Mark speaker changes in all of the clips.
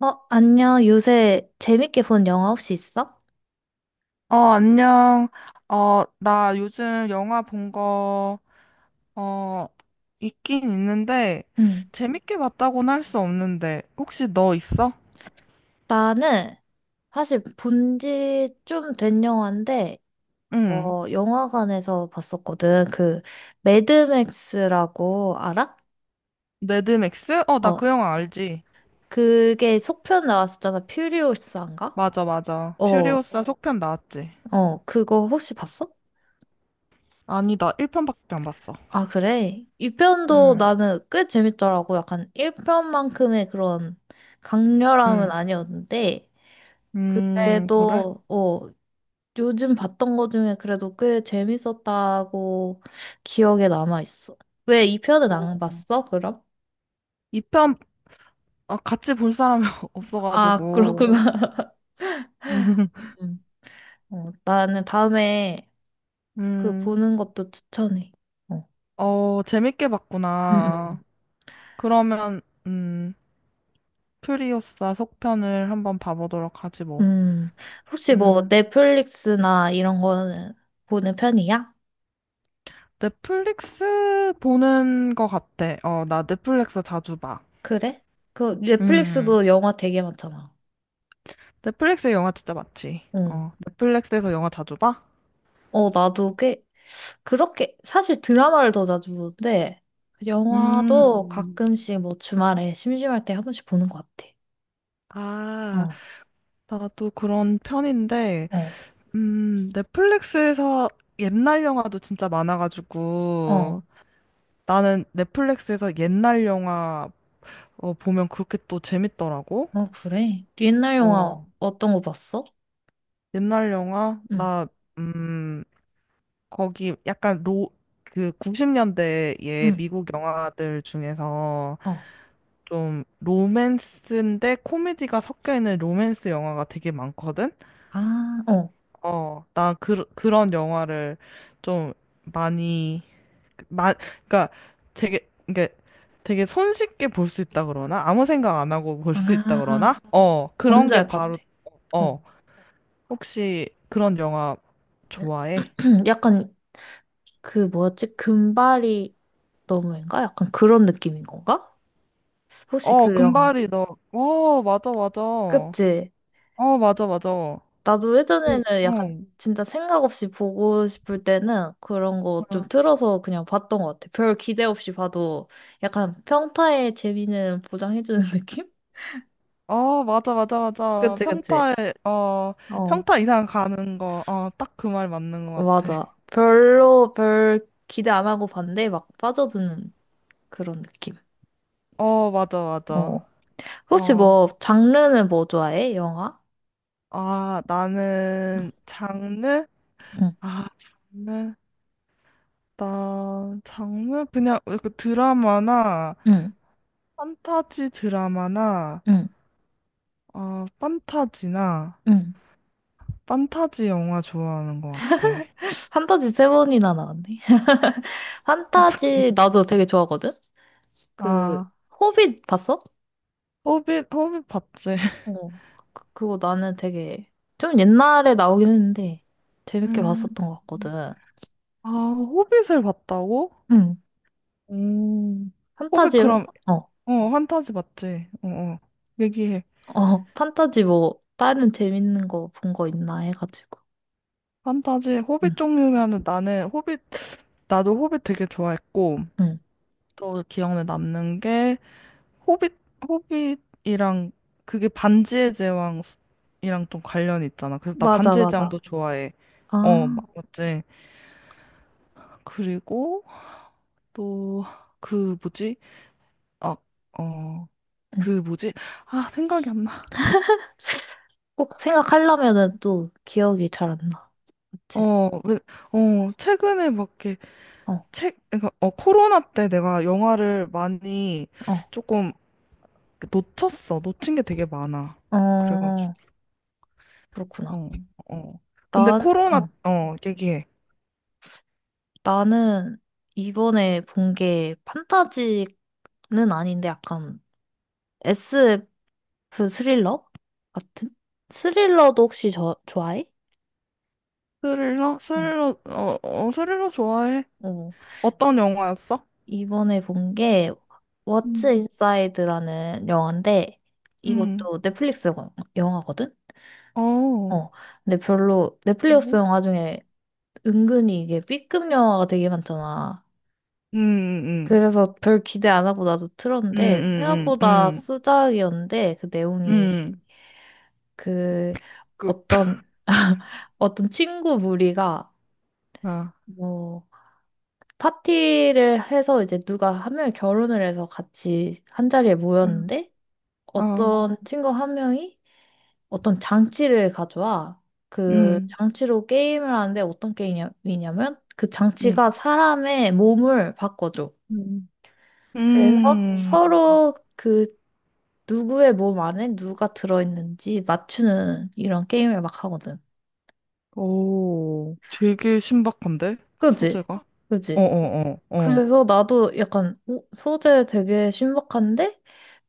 Speaker 1: 어, 안녕. 요새 재밌게 본 영화 혹시 있어?
Speaker 2: 안녕. 나 요즘 영화 본 거 어, 있긴 있는데,
Speaker 1: 응,
Speaker 2: 재밌게 봤다고는 할 수 없는데, 혹시 너 있어?
Speaker 1: 나는 사실 본지 좀 된 영화인데,
Speaker 2: 응.
Speaker 1: 영화관에서 봤었거든. 그, 매드맥스라고 알아?
Speaker 2: 매드맥스? 나
Speaker 1: 어,
Speaker 2: 그 영화 알지.
Speaker 1: 그게 속편 나왔었잖아. 퓨리오스인가?
Speaker 2: 맞아, 맞아.
Speaker 1: 어,
Speaker 2: 퓨리오사 속편 나왔지.
Speaker 1: 그거 혹시 봤어?
Speaker 2: 아니, 나 1편밖에 안 봤어.
Speaker 1: 아, 그래? 2편도
Speaker 2: 응,
Speaker 1: 나는 꽤 재밌더라고. 약간 1편만큼의 그런 강렬함은
Speaker 2: 응.
Speaker 1: 아니었는데,
Speaker 2: 그래?
Speaker 1: 그래도, 요즘 봤던 거 중에 그래도 꽤 재밌었다고 기억에 남아있어. 왜 이 편은
Speaker 2: 오,
Speaker 1: 안 봤어, 그럼?
Speaker 2: 2편, 같이 볼 사람이
Speaker 1: 아,
Speaker 2: 없어가지고.
Speaker 1: 그렇구나. 음. 어, 나는 다음에 그
Speaker 2: 음,
Speaker 1: 보는 것도 추천해. 어.
Speaker 2: 재밌게
Speaker 1: 음,
Speaker 2: 봤구나.
Speaker 1: 음.
Speaker 2: 그러면, 음 프리우사 속편을 한번 봐보도록 하지 뭐.
Speaker 1: 음, 혹시 뭐
Speaker 2: 음,
Speaker 1: 넷플릭스나 이런 거는 보는 편이야?
Speaker 2: 넷플릭스 보는 거 같아. 나 넷플릭스 자주 봐.
Speaker 1: 그래? 그
Speaker 2: 음,
Speaker 1: 넷플릭스도 영화 되게 많잖아.
Speaker 2: 넷플릭스 영화 진짜 많지.
Speaker 1: 응.
Speaker 2: 넷플릭스에서 영화 자주 봐?
Speaker 1: 나도 꽤 그렇게 사실 드라마를 더 자주 보는데 그 영화도
Speaker 2: 음,
Speaker 1: 가끔씩 뭐 주말에 심심할 때 한 번씩 보는 것 같아.
Speaker 2: 아,
Speaker 1: 어,
Speaker 2: 나도 그런 편인데,
Speaker 1: 어,
Speaker 2: 넷플릭스에서 옛날 영화도 진짜
Speaker 1: 어,
Speaker 2: 많아가지고, 나는 넷플릭스에서 옛날 영화 보면 그렇게 또 재밌더라고.
Speaker 1: 어, 그래. 옛날 영화
Speaker 2: 어,
Speaker 1: 어떤 거 봤어?
Speaker 2: 옛날 영화?
Speaker 1: 응,
Speaker 2: 나, 음, 거기 약간 그 90년대의
Speaker 1: 응,
Speaker 2: 미국 영화들 중에서
Speaker 1: 어,
Speaker 2: 좀 로맨스인데 코미디가 섞여 있는 로맨스 영화가 되게 많거든?
Speaker 1: 아, 어,
Speaker 2: 나 그런 영화를 좀 많이, 마, 그러니까 이게 되게 손쉽게 볼 수 있다 그러나? 아무 생각 안 하고 볼 수 있다
Speaker 1: 아,
Speaker 2: 그러나? 그런
Speaker 1: 뭔지
Speaker 2: 게
Speaker 1: 알 것
Speaker 2: 바로,
Speaker 1: 같아. 어,
Speaker 2: 어, 혹시 그런 영화 좋아해?
Speaker 1: 약간 그 뭐였지? 금발이 너무인가? 약간 그런 느낌인 건가? 혹시 그 영화?
Speaker 2: 금발이 너. 맞아, 맞아.
Speaker 1: 그치?
Speaker 2: 맞아, 맞아. 어.
Speaker 1: 나도
Speaker 2: 응,
Speaker 1: 예전에는 약간 진짜 생각 없이 보고 싶을 때는 그런 거 좀
Speaker 2: 어.
Speaker 1: 틀어서 그냥 봤던 것 같아. 별 기대 없이 봐도 약간 평타의 재미는 보장해주는 느낌?
Speaker 2: 맞아, 맞아, 맞아.
Speaker 1: 그치, 그치.
Speaker 2: 평타에,
Speaker 1: 어,
Speaker 2: 평타 이상 가는 거, 딱 그 말 맞는 것 같아.
Speaker 1: 맞아. 별로 별 기대 안 하고 봤는데 막 빠져드는 그런 느낌.
Speaker 2: 맞아, 맞아.
Speaker 1: 어. 혹시
Speaker 2: 어,
Speaker 1: 뭐 장르는 뭐 좋아해? 영화?
Speaker 2: 아,
Speaker 1: 응,
Speaker 2: 나는 장르?
Speaker 1: 응,
Speaker 2: 아, 장르? 나, 장르? 그냥 그 드라마나,
Speaker 1: 응,
Speaker 2: 판타지 드라마나,
Speaker 1: 응.
Speaker 2: 판타지나,
Speaker 1: 응.
Speaker 2: 판타지 영화 좋아하는 것 같아.
Speaker 1: 판타지 세 번이나 나왔네.
Speaker 2: 아,
Speaker 1: 판타지 나도 되게 좋아하거든? 그
Speaker 2: 아.
Speaker 1: 호빗 봤어?
Speaker 2: 호빗, 호빗 봤지.
Speaker 1: 어, 그거 나는 되게 좀 옛날에 나오긴 했는데 재밌게
Speaker 2: 음.
Speaker 1: 봤었던 것 같거든.
Speaker 2: 아, 호빗을 봤다고?
Speaker 1: 응.
Speaker 2: 음. 호빗
Speaker 1: 판타지,
Speaker 2: 그럼,
Speaker 1: 어,
Speaker 2: 판타지 맞지? 어, 어. 얘기해.
Speaker 1: 어, 판타지 뭐 다른 재밌는 거 본 거 있나 해가지고.
Speaker 2: 판타지,
Speaker 1: 응,
Speaker 2: 호빗 종류면은 나도 호빗 되게 좋아했고,
Speaker 1: 응.
Speaker 2: 또 기억에 남는 게, 호빗, 호빗이랑, 그게 반지의 제왕이랑 좀 관련이 있잖아. 그래서 나
Speaker 1: 맞아,
Speaker 2: 반지의
Speaker 1: 맞아.
Speaker 2: 제왕도 좋아해.
Speaker 1: 아,
Speaker 2: 맞지? 그리고 또, 그, 뭐지? 아, 어, 그
Speaker 1: 응.
Speaker 2: 뭐지? 아, 생각이 안 나.
Speaker 1: 꼭 생각하려면은 또 기억이 잘 안 나. 그치?
Speaker 2: 왜, 최근에 막 이렇게
Speaker 1: 어,
Speaker 2: 그러니까 코로나 때 내가 영화를 많이
Speaker 1: 어,
Speaker 2: 조금 놓쳤어. 놓친 게 되게 많아. 그래가지고.
Speaker 1: 어, 그렇구나.
Speaker 2: 어, 어. 근데
Speaker 1: 난,
Speaker 2: 코로나,
Speaker 1: 응.
Speaker 2: 얘기해.
Speaker 1: 나는 이번에 본 게 판타지는 아닌데 약간 에스 그 스릴러 같은? 스릴러도 혹시 저, 좋아해?
Speaker 2: 스릴러?
Speaker 1: 어,
Speaker 2: 스릴러, 스릴러 좋아해?
Speaker 1: 어.
Speaker 2: 어떤 영화였어?
Speaker 1: 이번에 본 게 워츠
Speaker 2: 음,
Speaker 1: 인사이드라는 영화인데
Speaker 2: 음,
Speaker 1: 이것도 영화거든?
Speaker 2: 뭐?
Speaker 1: 어. 근데 별로 넷플릭스
Speaker 2: 음,
Speaker 1: 영화 중에 은근히 이게 B급 영화가 되게 많잖아.
Speaker 2: 음,
Speaker 1: 그래서 별 기대 안 하고 나도
Speaker 2: 음,
Speaker 1: 틀었는데
Speaker 2: 음,
Speaker 1: 생각보다
Speaker 2: 음,
Speaker 1: 수작이었는데 그
Speaker 2: 음,
Speaker 1: 내용이
Speaker 2: 음,
Speaker 1: 그
Speaker 2: 그,
Speaker 1: 어떤 어떤 친구 무리가
Speaker 2: 아,
Speaker 1: 뭐 파티를 해서 이제 누가 한 명이 결혼을 해서 같이 한 자리에
Speaker 2: 음,
Speaker 1: 모였는데
Speaker 2: 아,
Speaker 1: 어떤 친구 한 명이 어떤 장치를 가져와. 그
Speaker 2: 음,
Speaker 1: 장치로 게임을 하는데 어떤 게임이냐면 그
Speaker 2: 음.
Speaker 1: 장치가 사람의 몸을 바꿔줘.
Speaker 2: 음.
Speaker 1: 그래서
Speaker 2: 음,
Speaker 1: 서로 그 누구의 몸 안에 누가 들어있는지 맞추는 이런 게임을 막 하거든.
Speaker 2: 오, 되게 신박한데?
Speaker 1: 그지?
Speaker 2: 소재가? 어어어,
Speaker 1: 그지?
Speaker 2: 어, 어, 어.
Speaker 1: 그래서 나도 약간 어, 소재 되게 신박한데?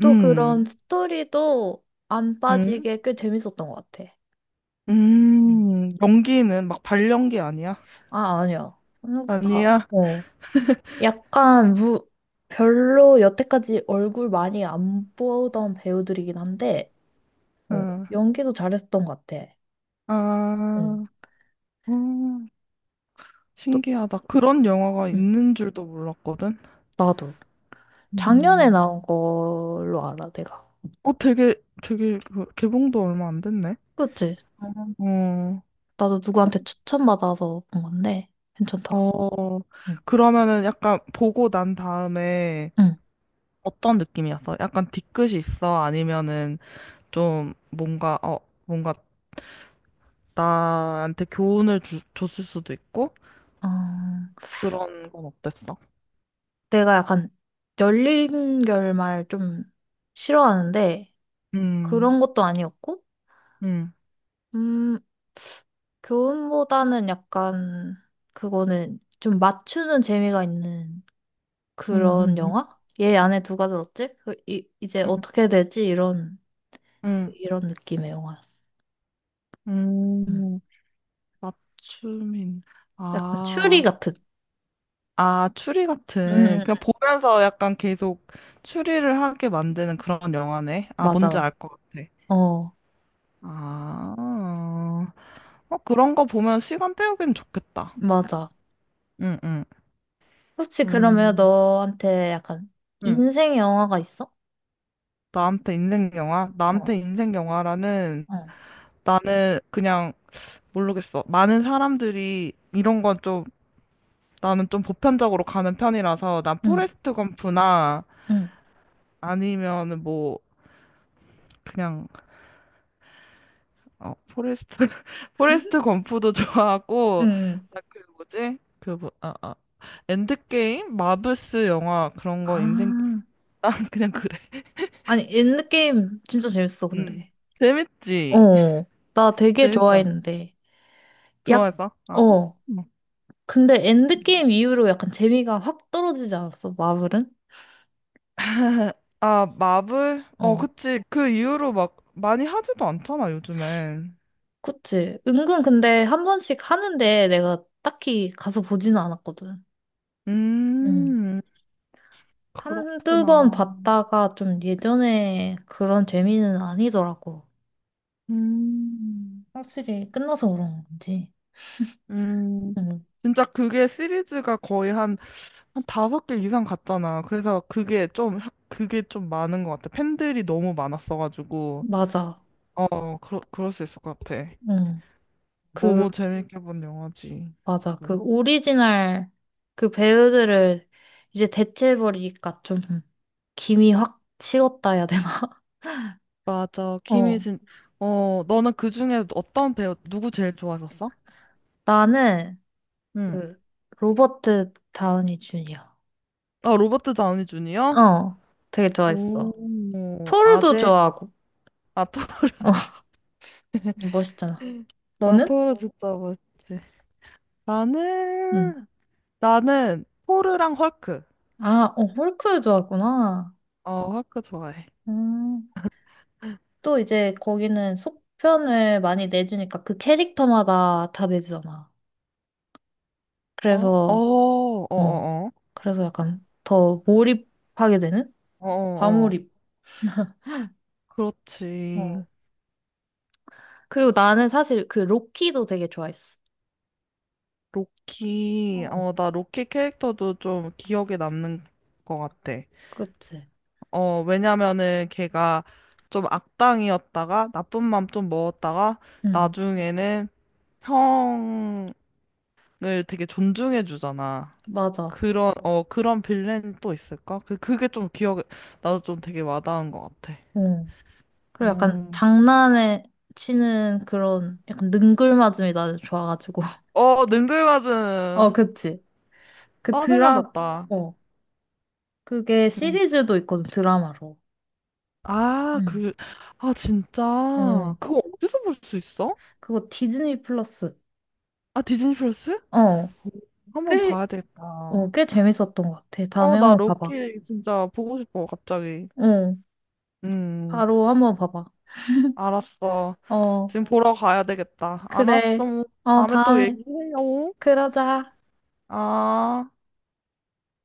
Speaker 1: 또 그런
Speaker 2: 음,
Speaker 1: 스토리도 안
Speaker 2: 음,
Speaker 1: 빠지게 꽤 재밌었던 것 같아. 음.
Speaker 2: 연기는 막 발연기 아니야?
Speaker 1: 아, 아니야. 생각보다,
Speaker 2: 아니야?
Speaker 1: 어. 약간, 무, 별로 여태까지 얼굴 많이 안 보던 배우들이긴 한데, 어,
Speaker 2: 어,
Speaker 1: 연기도 잘했던 것 같아.
Speaker 2: 아,
Speaker 1: 응.
Speaker 2: 어,
Speaker 1: 또,
Speaker 2: 신기하다. 그런 영화가
Speaker 1: 응.
Speaker 2: 있는 줄도 몰랐거든?
Speaker 1: 나도. 작년에
Speaker 2: 음,
Speaker 1: 나온 걸로 알아, 내가.
Speaker 2: 어, 되게, 되게, 그 개봉도 얼마 안 됐네?
Speaker 1: 그치?
Speaker 2: 어,
Speaker 1: 나도 누구한테 추천받아서 본 건데, 괜찮더라고.
Speaker 2: 어,
Speaker 1: 응.
Speaker 2: 그러면은 약간 보고 난 다음에
Speaker 1: 응.
Speaker 2: 어떤 느낌이었어? 약간 뒤끝이 있어? 아니면은 좀 뭔가 나한테 교훈을 줬을 수도 있고?
Speaker 1: 아.
Speaker 2: 그런 건 어땠어?
Speaker 1: 내가 약간 열린 결말 좀 싫어하는데
Speaker 2: 음,
Speaker 1: 그런 것도 아니었고,
Speaker 2: 음,
Speaker 1: 음, 교훈보다는 약간 그거는 좀 맞추는 재미가 있는
Speaker 2: 음,
Speaker 1: 그런
Speaker 2: 음,
Speaker 1: 영화? 얘 안에 누가 들었지? 이제 어떻게 되지?
Speaker 2: 음,
Speaker 1: 이런 느낌의 영화였어.
Speaker 2: 음,
Speaker 1: 음.
Speaker 2: 음. 맞춤인,
Speaker 1: 약간 추리
Speaker 2: 아,
Speaker 1: 같은.
Speaker 2: 아, 추리
Speaker 1: 음, 음,
Speaker 2: 같은,
Speaker 1: 음.
Speaker 2: 그냥 보면서 약간 계속 추리를 하게 만드는 그런 영화네. 아,
Speaker 1: 맞아,
Speaker 2: 뭔지 알
Speaker 1: 맞아.
Speaker 2: 것 같아.
Speaker 1: 어,
Speaker 2: 아, 그런 거 보면 시간 때우기는 좋겠다.
Speaker 1: 맞아.
Speaker 2: 응, 응.
Speaker 1: 혹시 그러면
Speaker 2: 음,
Speaker 1: 너한테 약간
Speaker 2: 응.
Speaker 1: 인생 영화가 있어?
Speaker 2: 나한테 인생 영화?
Speaker 1: 어,
Speaker 2: 나한테 인생 영화라는
Speaker 1: 어,
Speaker 2: 나는 그냥 모르겠어. 많은 사람들이 이런 건 좀 나는 좀 보편적으로 가는 편이라서 난
Speaker 1: 응,
Speaker 2: 포레스트 검프나
Speaker 1: 응.
Speaker 2: 아니면은 뭐 그냥 포레스트 포레스트 검프도 좋아하고
Speaker 1: 응.
Speaker 2: 나 그 뭐지? 그 뭐, 아, 아. 엔드게임? 마블스 영화 그런 거 인생
Speaker 1: 아,
Speaker 2: 난 그냥 그래.
Speaker 1: 아니, 엔드게임 진짜 재밌어,
Speaker 2: 응.
Speaker 1: 근데.
Speaker 2: 재밌지?
Speaker 1: 어. 나 되게
Speaker 2: 재밌지 않냐?
Speaker 1: 좋아했는데. 약,
Speaker 2: 좋아해서? 아.
Speaker 1: 어. 근데 엔드게임 이후로 약간 재미가 확 떨어지지 않았어, 마블은?
Speaker 2: 아, 마블?
Speaker 1: 어.
Speaker 2: 그치. 그 이후로 막 많이 하지도 않잖아, 요즘엔.
Speaker 1: 그치. 은근 근데 한 번씩 하는데 내가 딱히 가서 보지는 않았거든. 음.
Speaker 2: 음,
Speaker 1: 한두 번
Speaker 2: 그렇구나.
Speaker 1: 봤다가 좀 예전에 그런 재미는 아니더라고.
Speaker 2: 음,
Speaker 1: 확실히 끝나서 그런 건지.
Speaker 2: 음.
Speaker 1: 응.
Speaker 2: 진짜 그게 시리즈가 거의 한, 한 다섯 개 이상 갔잖아. 그래서 그게 좀 많은 것 같아. 팬들이 너무 많았어가지고.
Speaker 1: 맞아.
Speaker 2: 그럴 수 있을 것 같아.
Speaker 1: 응. 그
Speaker 2: 너무 재밌게 본 영화지.
Speaker 1: 맞아. 그
Speaker 2: 또.
Speaker 1: 오리지널 그 배우들을 이제 대체해버리니까 좀 김이 확 식었다 해야 되나?
Speaker 2: 맞아.
Speaker 1: 어.
Speaker 2: 김희진. 너는 그중에 어떤 배우, 누구 제일 좋아했었어?
Speaker 1: 나는 그 로버트 다우니 주니어.
Speaker 2: 아, 로버트 다우니 주니어?
Speaker 1: 어. 되게 좋아했어.
Speaker 2: 오.
Speaker 1: 토르도
Speaker 2: 아재,
Speaker 1: 좋아하고.
Speaker 2: 아, 토,
Speaker 1: 어. 멋있잖아. 너는?
Speaker 2: 토르 진짜 멋있지.
Speaker 1: 응.
Speaker 2: 나는, 나는, 토르랑 헐크.
Speaker 1: 아, 어, 헐크 좋아하구나.
Speaker 2: 헐크 좋아해.
Speaker 1: 음. 또 이제 거기는 속편을 많이 내주니까 그 캐릭터마다 다 내주잖아.
Speaker 2: 어, 어,
Speaker 1: 그래서
Speaker 2: 어, 어,
Speaker 1: 어.
Speaker 2: 어,
Speaker 1: 그래서 약간 더 몰입하게 되는?
Speaker 2: 어, 어, 어.
Speaker 1: 과몰입.
Speaker 2: 그렇지.
Speaker 1: 어, 그리고 나는 사실 그 로키도 되게 좋아했어.
Speaker 2: 로키,
Speaker 1: 어,
Speaker 2: 나 로키 캐릭터도 좀 기억에 남는 것 같아.
Speaker 1: 그치?
Speaker 2: 왜냐면은 걔가 좀 악당이었다가, 나쁜 맘 좀 먹었다가,
Speaker 1: 응,
Speaker 2: 나중에는 형, 을 되게 존중해 주잖아.
Speaker 1: 맞아.
Speaker 2: 그런 빌런 또 있을까? 그게 좀 기억에 나도 좀 되게 와닿은 것 같아.
Speaker 1: 어 그리고 약간
Speaker 2: 음.
Speaker 1: 장난에 치는 그런 약간 능글맞음이 나는 좋아가지고.
Speaker 2: 능글
Speaker 1: 어,
Speaker 2: 맞은.
Speaker 1: 그치. 그
Speaker 2: 아
Speaker 1: 드라,
Speaker 2: 생각났다.
Speaker 1: 어, 그게
Speaker 2: 음.
Speaker 1: 시리즈도 있거든, 드라마로.
Speaker 2: 아
Speaker 1: 응,
Speaker 2: 그 진짜
Speaker 1: 어,
Speaker 2: 그거 어디서 볼 수 있어?
Speaker 1: 그거 디즈니 플러스.
Speaker 2: 아 디즈니 플러스?
Speaker 1: 어,
Speaker 2: 오, 한번
Speaker 1: 꽤,
Speaker 2: 봐야 되겠다.
Speaker 1: 어, 꽤 재밌었던 것 같아. 다음에
Speaker 2: 나
Speaker 1: 한번 봐봐.
Speaker 2: 로키 진짜 보고 싶어 갑자기.
Speaker 1: 어
Speaker 2: 음
Speaker 1: 바로 한번 봐봐.
Speaker 2: 알았어.
Speaker 1: 어,
Speaker 2: 지금 보러 가야 되겠다.
Speaker 1: 그래.
Speaker 2: 알았어.
Speaker 1: 어,
Speaker 2: 다음에 또
Speaker 1: 다음에
Speaker 2: 얘기해요.
Speaker 1: 그러자.
Speaker 2: 아.